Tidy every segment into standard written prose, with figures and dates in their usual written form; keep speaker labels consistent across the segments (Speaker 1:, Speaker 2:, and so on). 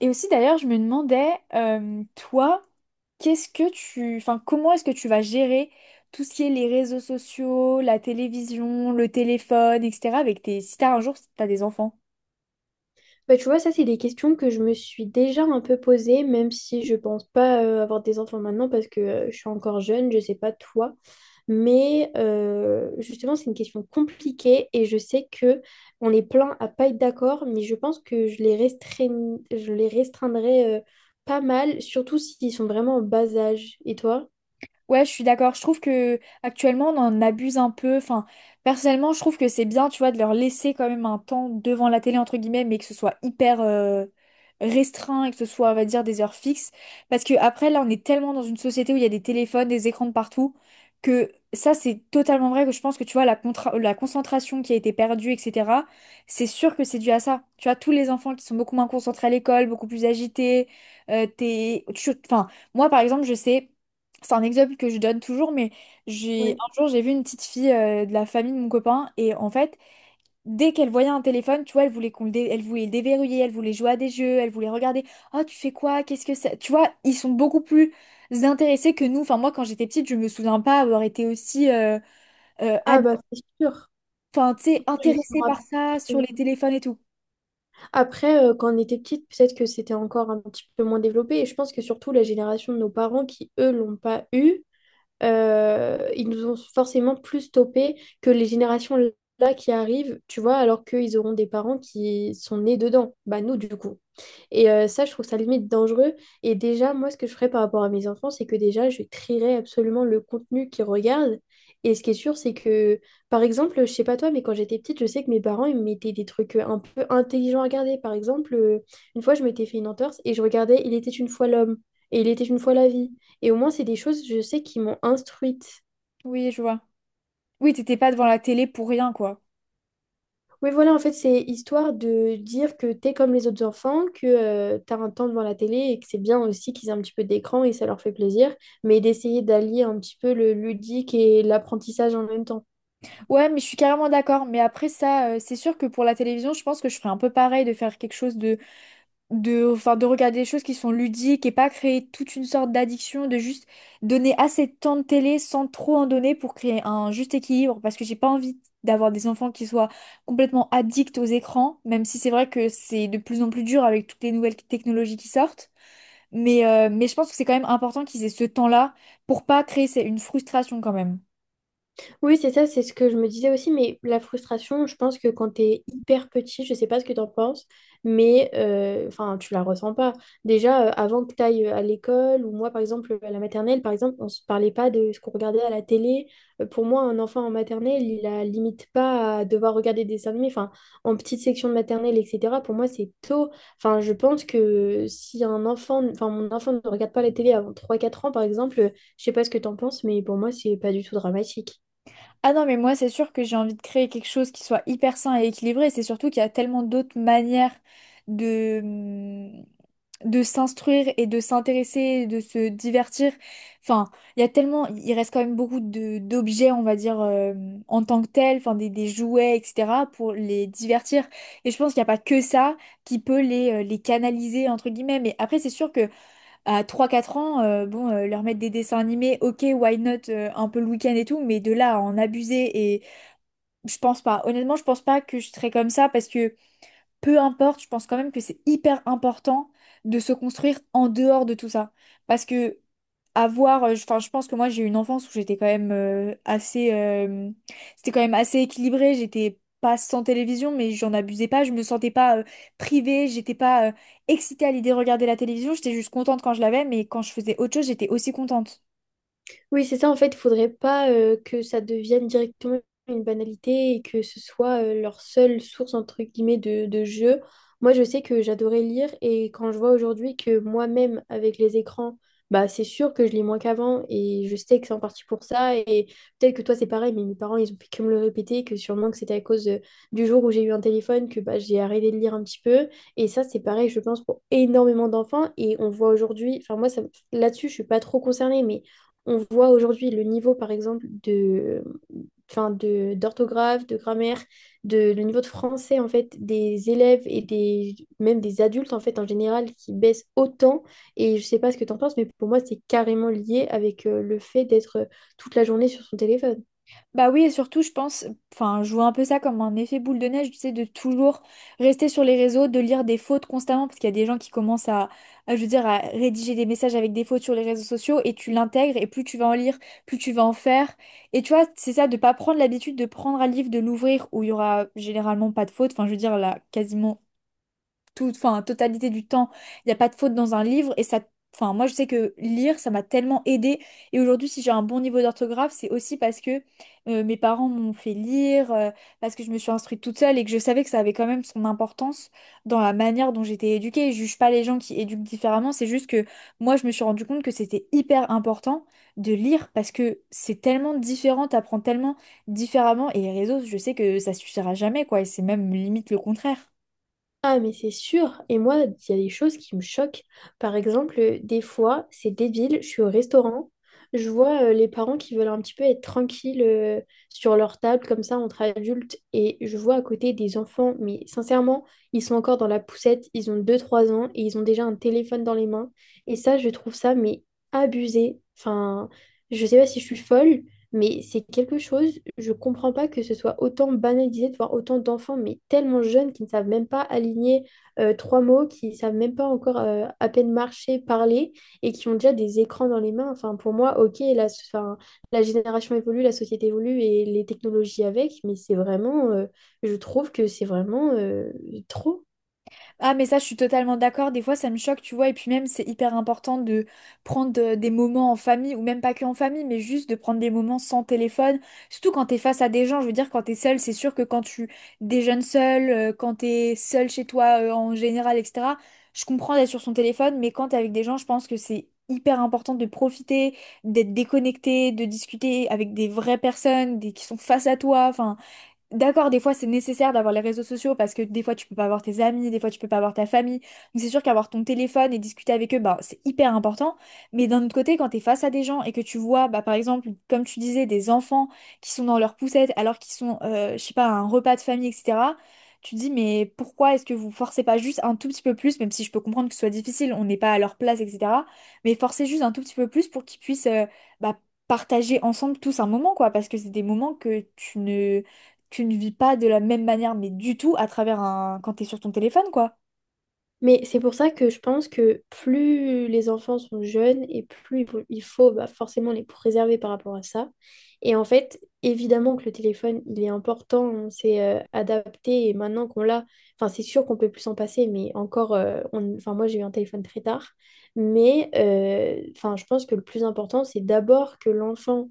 Speaker 1: Et aussi d'ailleurs, je me demandais, toi, enfin, comment est-ce que tu vas gérer tout ce qui est les réseaux sociaux, la télévision, le téléphone, etc. avec tes, si t'as un jour, si t'as des enfants.
Speaker 2: Bah, tu vois, ça, c'est des questions que je me suis déjà un peu posées, même si je pense pas avoir des enfants maintenant parce que je suis encore jeune, je sais pas toi. Justement, c'est une question compliquée et je sais que on est plein à pas être d'accord, mais je pense que je les je les restreindrai pas mal, surtout s'ils sont vraiment en bas âge. Et toi?
Speaker 1: Ouais, je suis d'accord. Je trouve que actuellement on en abuse un peu. Enfin, personnellement, je trouve que c'est bien, tu vois, de leur laisser quand même un temps devant la télé entre guillemets, mais que ce soit hyper restreint et que ce soit, on va dire, des heures fixes. Parce que après, là, on est tellement dans une société où il y a des téléphones, des écrans de partout, que ça, c'est totalement vrai que je pense que tu vois la concentration qui a été perdue, etc. C'est sûr que c'est dû à ça. Tu vois, tous les enfants qui sont beaucoup moins concentrés à l'école, beaucoup plus agités, enfin. Moi, par exemple, je sais. C'est un exemple que je donne toujours, mais j'ai
Speaker 2: Ouais.
Speaker 1: un jour j'ai vu une petite fille de la famille de mon copain et en fait dès qu'elle voyait un téléphone, tu vois, elle voulait elle voulait le déverrouiller, elle voulait jouer à des jeux, elle voulait regarder. Oh, tu fais quoi? Qu'est-ce que c'est? Tu vois, ils sont beaucoup plus intéressés que nous. Enfin moi quand j'étais petite, je me souviens pas avoir été aussi euh,
Speaker 2: Ah
Speaker 1: ad-
Speaker 2: bah c'est sûr.
Speaker 1: enfin, tu sais,
Speaker 2: Je me
Speaker 1: intéressée
Speaker 2: sens,
Speaker 1: par ça sur les téléphones et tout.
Speaker 2: Après, quand on était petite, peut-être que c'était encore un petit peu moins développé. Et je pense que surtout la génération de nos parents qui, eux, l'ont pas eu, ils nous ont forcément plus stoppé que les générations là qui arrivent, tu vois, alors qu'ils auront des parents qui sont nés dedans. Bah nous, du coup. Et ça, je trouve ça limite dangereux. Et déjà, moi, ce que je ferais par rapport à mes enfants, c'est que déjà, je trierais absolument le contenu qu'ils regardent. Et ce qui est sûr, c'est que, par exemple, je sais pas toi, mais quand j'étais petite, je sais que mes parents, ils me mettaient des trucs un peu intelligents à regarder. Par exemple, une fois, je m'étais fait une entorse et je regardais Il était une fois l'homme et Il était une fois la vie. Et au moins, c'est des choses, je sais, qui m'ont instruite.
Speaker 1: Oui, je vois. Oui, t'étais pas devant la télé pour rien, quoi.
Speaker 2: Oui, voilà, en fait, c'est histoire de dire que t'es comme les autres enfants, que tu t'as un temps devant la télé et que c'est bien aussi qu'ils aient un petit peu d'écran et ça leur fait plaisir, mais d'essayer d'allier un petit peu le ludique et l'apprentissage en même temps.
Speaker 1: Ouais, mais je suis carrément d'accord. Mais après ça, c'est sûr que pour la télévision, je pense que je ferais un peu pareil de faire quelque chose de, enfin, de regarder des choses qui sont ludiques et pas créer toute une sorte d'addiction, de juste donner assez de temps de télé sans trop en donner pour créer un juste équilibre parce que j'ai pas envie d'avoir des enfants qui soient complètement addicts aux écrans, même si c'est vrai que c'est de plus en plus dur avec toutes les nouvelles technologies qui sortent. Mais je pense que c'est quand même important qu'ils aient ce temps-là pour pas créer c'est une frustration quand même.
Speaker 2: Oui, c'est ça, c'est ce que je me disais aussi, mais la frustration, je pense que quand tu es hyper petit, je sais pas ce que tu en penses, enfin, tu la ressens pas. Déjà, avant que tu ailles à l'école, ou moi, par exemple, à la maternelle, par exemple, on se parlait pas de ce qu'on regardait à la télé. Pour moi, un enfant en maternelle, il a limite pas à devoir regarder des dessins animés, enfin, en petite section de maternelle, etc. Pour moi, c'est tôt. Enfin, je pense que si un enfant, enfin, mon enfant ne regarde pas la télé avant trois quatre ans, par exemple, je sais pas ce que tu en penses, mais pour moi, c'est pas du tout dramatique.
Speaker 1: Ah non, mais moi, c'est sûr que j'ai envie de créer quelque chose qui soit hyper sain et équilibré. C'est surtout qu'il y a tellement d'autres manières de, de s'instruire et de s'intéresser, de se divertir. Enfin, il y a tellement, il reste quand même beaucoup de d'objets, on va dire, en tant que tels, enfin des jouets, etc., pour les divertir. Et je pense qu'il n'y a pas que ça qui peut les canaliser, entre guillemets. Mais après, c'est sûr que à trois quatre ans, bon, leur mettre des dessins animés, ok, why not, un peu le week-end et tout, mais de là à en abuser, et je pense pas. Honnêtement, je pense pas que je serais comme ça parce que peu importe, je pense quand même que c'est hyper important de se construire en dehors de tout ça. Parce que avoir enfin je pense que moi j'ai eu une enfance où j'étais quand même assez c'était quand même assez équilibré, j'étais pas sans télévision mais j'en abusais pas, je me sentais pas privée, j'étais pas excitée à l'idée de regarder la télévision, j'étais juste contente quand je l'avais, mais quand je faisais autre chose j'étais aussi contente.
Speaker 2: Oui, c'est ça, en fait, il faudrait pas que ça devienne directement une banalité et que ce soit leur seule source, entre guillemets, de jeu. Moi, je sais que j'adorais lire et quand je vois aujourd'hui que moi-même, avec les écrans, bah, c'est sûr que je lis moins qu'avant et je sais que c'est en partie pour ça. Et peut-être que toi, c'est pareil, mais mes parents, ils ont fait que me le répéter, que sûrement que c'était à cause du jour où j'ai eu un téléphone que bah, j'ai arrêté de lire un petit peu. Et ça, c'est pareil, je pense, pour énormément d'enfants. Et on voit aujourd'hui, enfin, moi, ça, là-dessus, je suis pas trop concernée, mais on voit aujourd'hui le niveau, par exemple, de, enfin, d'orthographe, de grammaire, de, le niveau de français, en fait, des élèves et des, même des adultes, en fait, en général, qui baissent autant. Et je sais pas ce que tu en penses, mais pour moi, c'est carrément lié avec le fait d'être toute la journée sur son téléphone.
Speaker 1: Bah oui, et surtout, je pense, enfin, je vois un peu ça comme un effet boule de neige, tu sais, de toujours rester sur les réseaux, de lire des fautes constamment, parce qu'il y a des gens qui commencent à, je veux dire, à rédiger des messages avec des fautes sur les réseaux sociaux, et tu l'intègres, et plus tu vas en lire, plus tu vas en faire. Et tu vois, c'est ça, de pas prendre l'habitude de prendre un livre, de l'ouvrir, où il y aura généralement pas de fautes, enfin, je veux dire, là, quasiment toute, enfin, totalité du temps, il n'y a pas de faute dans un livre et ça, enfin, moi je sais que lire, ça m'a tellement aidée et aujourd'hui si j'ai un bon niveau d'orthographe, c'est aussi parce que mes parents m'ont fait lire, parce que je me suis instruite toute seule et que je savais que ça avait quand même son importance dans la manière dont j'étais éduquée. Je juge pas les gens qui éduquent différemment, c'est juste que moi je me suis rendu compte que c'était hyper important de lire parce que c'est tellement différent, t'apprends tellement différemment et les réseaux, je sais que ça suffira jamais quoi et c'est même limite le contraire.
Speaker 2: Ah, mais c'est sûr. Et moi, il y a des choses qui me choquent. Par exemple, des fois, c'est débile, je suis au restaurant, je vois les parents qui veulent un petit peu être tranquilles sur leur table, comme ça, entre adultes, et je vois à côté des enfants, mais sincèrement, ils sont encore dans la poussette, ils ont deux trois ans, et ils ont déjà un téléphone dans les mains. Et ça, je trouve ça, mais abusé. Enfin, je sais pas si je suis folle, mais c'est quelque chose, je comprends pas que ce soit autant banalisé de voir autant d'enfants, mais tellement jeunes qui ne savent même pas aligner trois mots, qui savent même pas encore à peine marcher, parler, et qui ont déjà des écrans dans les mains. Enfin, pour moi, ok, la, enfin, la génération évolue, la société évolue et les technologies avec, mais c'est je trouve que c'est vraiment trop.
Speaker 1: Ah, mais ça, je suis totalement d'accord. Des fois, ça me choque, tu vois. Et puis même, c'est hyper important de prendre des moments en famille, ou même pas que en famille, mais juste de prendre des moments sans téléphone. Surtout quand t'es face à des gens. Je veux dire, quand t'es seul, c'est sûr que quand tu déjeunes seul, quand t'es seul chez toi, en général, etc. Je comprends d'être sur son téléphone, mais quand t'es avec des gens, je pense que c'est hyper important de profiter, d'être déconnecté, de discuter avec des vraies personnes, qui sont face à toi. Enfin. D'accord, des fois c'est nécessaire d'avoir les réseaux sociaux parce que des fois tu peux pas avoir tes amis, des fois tu peux pas avoir ta famille. Donc c'est sûr qu'avoir ton téléphone et discuter avec eux, bah, c'est hyper important. Mais d'un autre côté, quand tu es face à des gens et que tu vois, bah, par exemple, comme tu disais, des enfants qui sont dans leur poussette alors qu'ils sont, je sais pas, à un repas de famille, etc., tu te dis, mais pourquoi est-ce que vous forcez pas juste un tout petit peu plus, même si je peux comprendre que ce soit difficile, on n'est pas à leur place, etc. Mais forcez juste un tout petit peu plus pour qu'ils puissent bah, partager ensemble tous un moment, quoi, parce que c'est des moments que tu ne vis pas de la même manière, mais du tout, à travers quand t'es sur ton téléphone, quoi.
Speaker 2: Mais c'est pour ça que je pense que plus les enfants sont jeunes et plus il faut, bah, forcément les préserver par rapport à ça. Et en fait, évidemment que le téléphone, il est important, on s'est adapté et maintenant qu'on l'a, enfin c'est sûr qu'on peut plus s'en passer, mais encore, enfin moi j'ai eu un téléphone très tard, enfin je pense que le plus important, c'est d'abord que l'enfant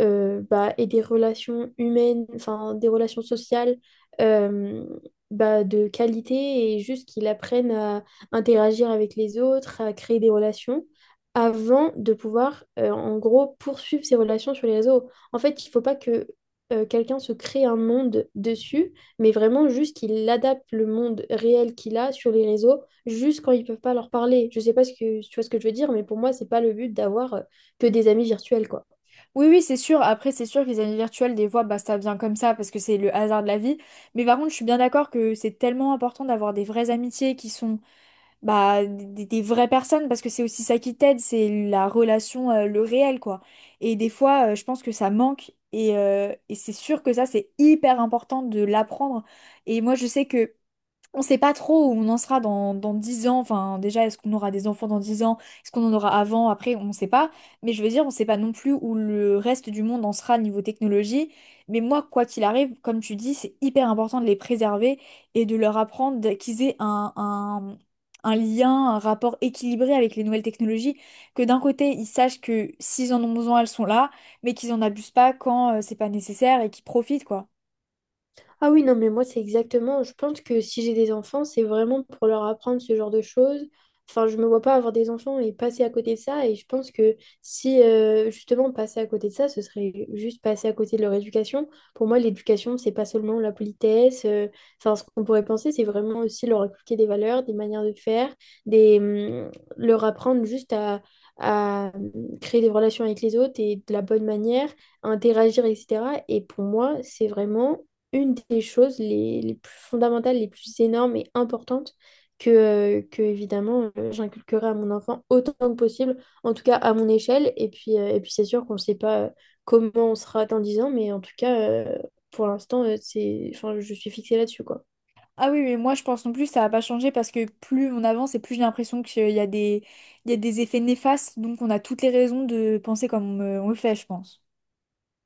Speaker 2: bah, ait des relations humaines, enfin des relations sociales euh, bah, de qualité et juste qu'ils apprennent à interagir avec les autres, à créer des relations avant de pouvoir, en gros, poursuivre ces relations sur les réseaux. En fait, il ne faut pas que quelqu'un se crée un monde dessus, mais vraiment juste qu'il adapte le monde réel qu'il a sur les réseaux, juste quand ils ne peuvent pas leur parler. Je ne sais pas ce que, tu vois ce que je veux dire, mais pour moi, ce n'est pas le but d'avoir que des amis virtuels, quoi.
Speaker 1: Oui, oui, c'est sûr. Après, c'est sûr que les amis virtuels, des fois, bah, ça vient comme ça parce que c'est le hasard de la vie. Mais par contre, je suis bien d'accord que c'est tellement important d'avoir des vraies amitiés qui sont bah, des vraies personnes parce que c'est aussi ça qui t'aide, c'est la relation, le réel, quoi. Et des fois, je pense que ça manque et c'est sûr que ça, c'est hyper important de l'apprendre. Et moi, je sais que. On sait pas trop où on en sera dans 10 ans. Enfin, déjà, est-ce qu'on aura des enfants dans 10 ans? Est-ce qu'on en aura avant? Après, on sait pas. Mais je veux dire, on sait pas non plus où le reste du monde en sera niveau technologie. Mais moi, quoi qu'il arrive, comme tu dis, c'est hyper important de les préserver et de leur apprendre qu'ils aient un lien, un rapport équilibré avec les nouvelles technologies. Que d'un côté, ils sachent que s'ils en ont besoin, elles sont là, mais qu'ils en abusent pas quand c'est pas nécessaire et qu'ils profitent, quoi.
Speaker 2: Ah oui, non, mais moi, c'est exactement. Je pense que si j'ai des enfants, c'est vraiment pour leur apprendre ce genre de choses. Enfin, je me vois pas avoir des enfants et passer à côté de ça. Et je pense que si, justement, passer à côté de ça, ce serait juste passer à côté de leur éducation. Pour moi, l'éducation, c'est pas seulement la politesse. Enfin, ce qu'on pourrait penser, c'est vraiment aussi leur inculquer des valeurs, des manières de faire, des, hum, leur apprendre juste à, à hum, créer des relations avec les autres et de la bonne manière à interagir, etc. Et pour moi, c'est vraiment une des choses les plus fondamentales, les plus énormes et importantes que évidemment, j'inculquerai à mon enfant autant que possible, en tout cas à mon échelle. Et puis c'est sûr qu'on ne sait pas comment on sera dans 10 ans, mais en tout cas, pour l'instant, c'est, enfin, je suis fixée là-dessus, quoi.
Speaker 1: Ah oui, mais moi je pense non plus ça va pas changer parce que plus on avance et plus j'ai l'impression qu'il y a des effets néfastes, donc on a toutes les raisons de penser comme on le fait, je pense.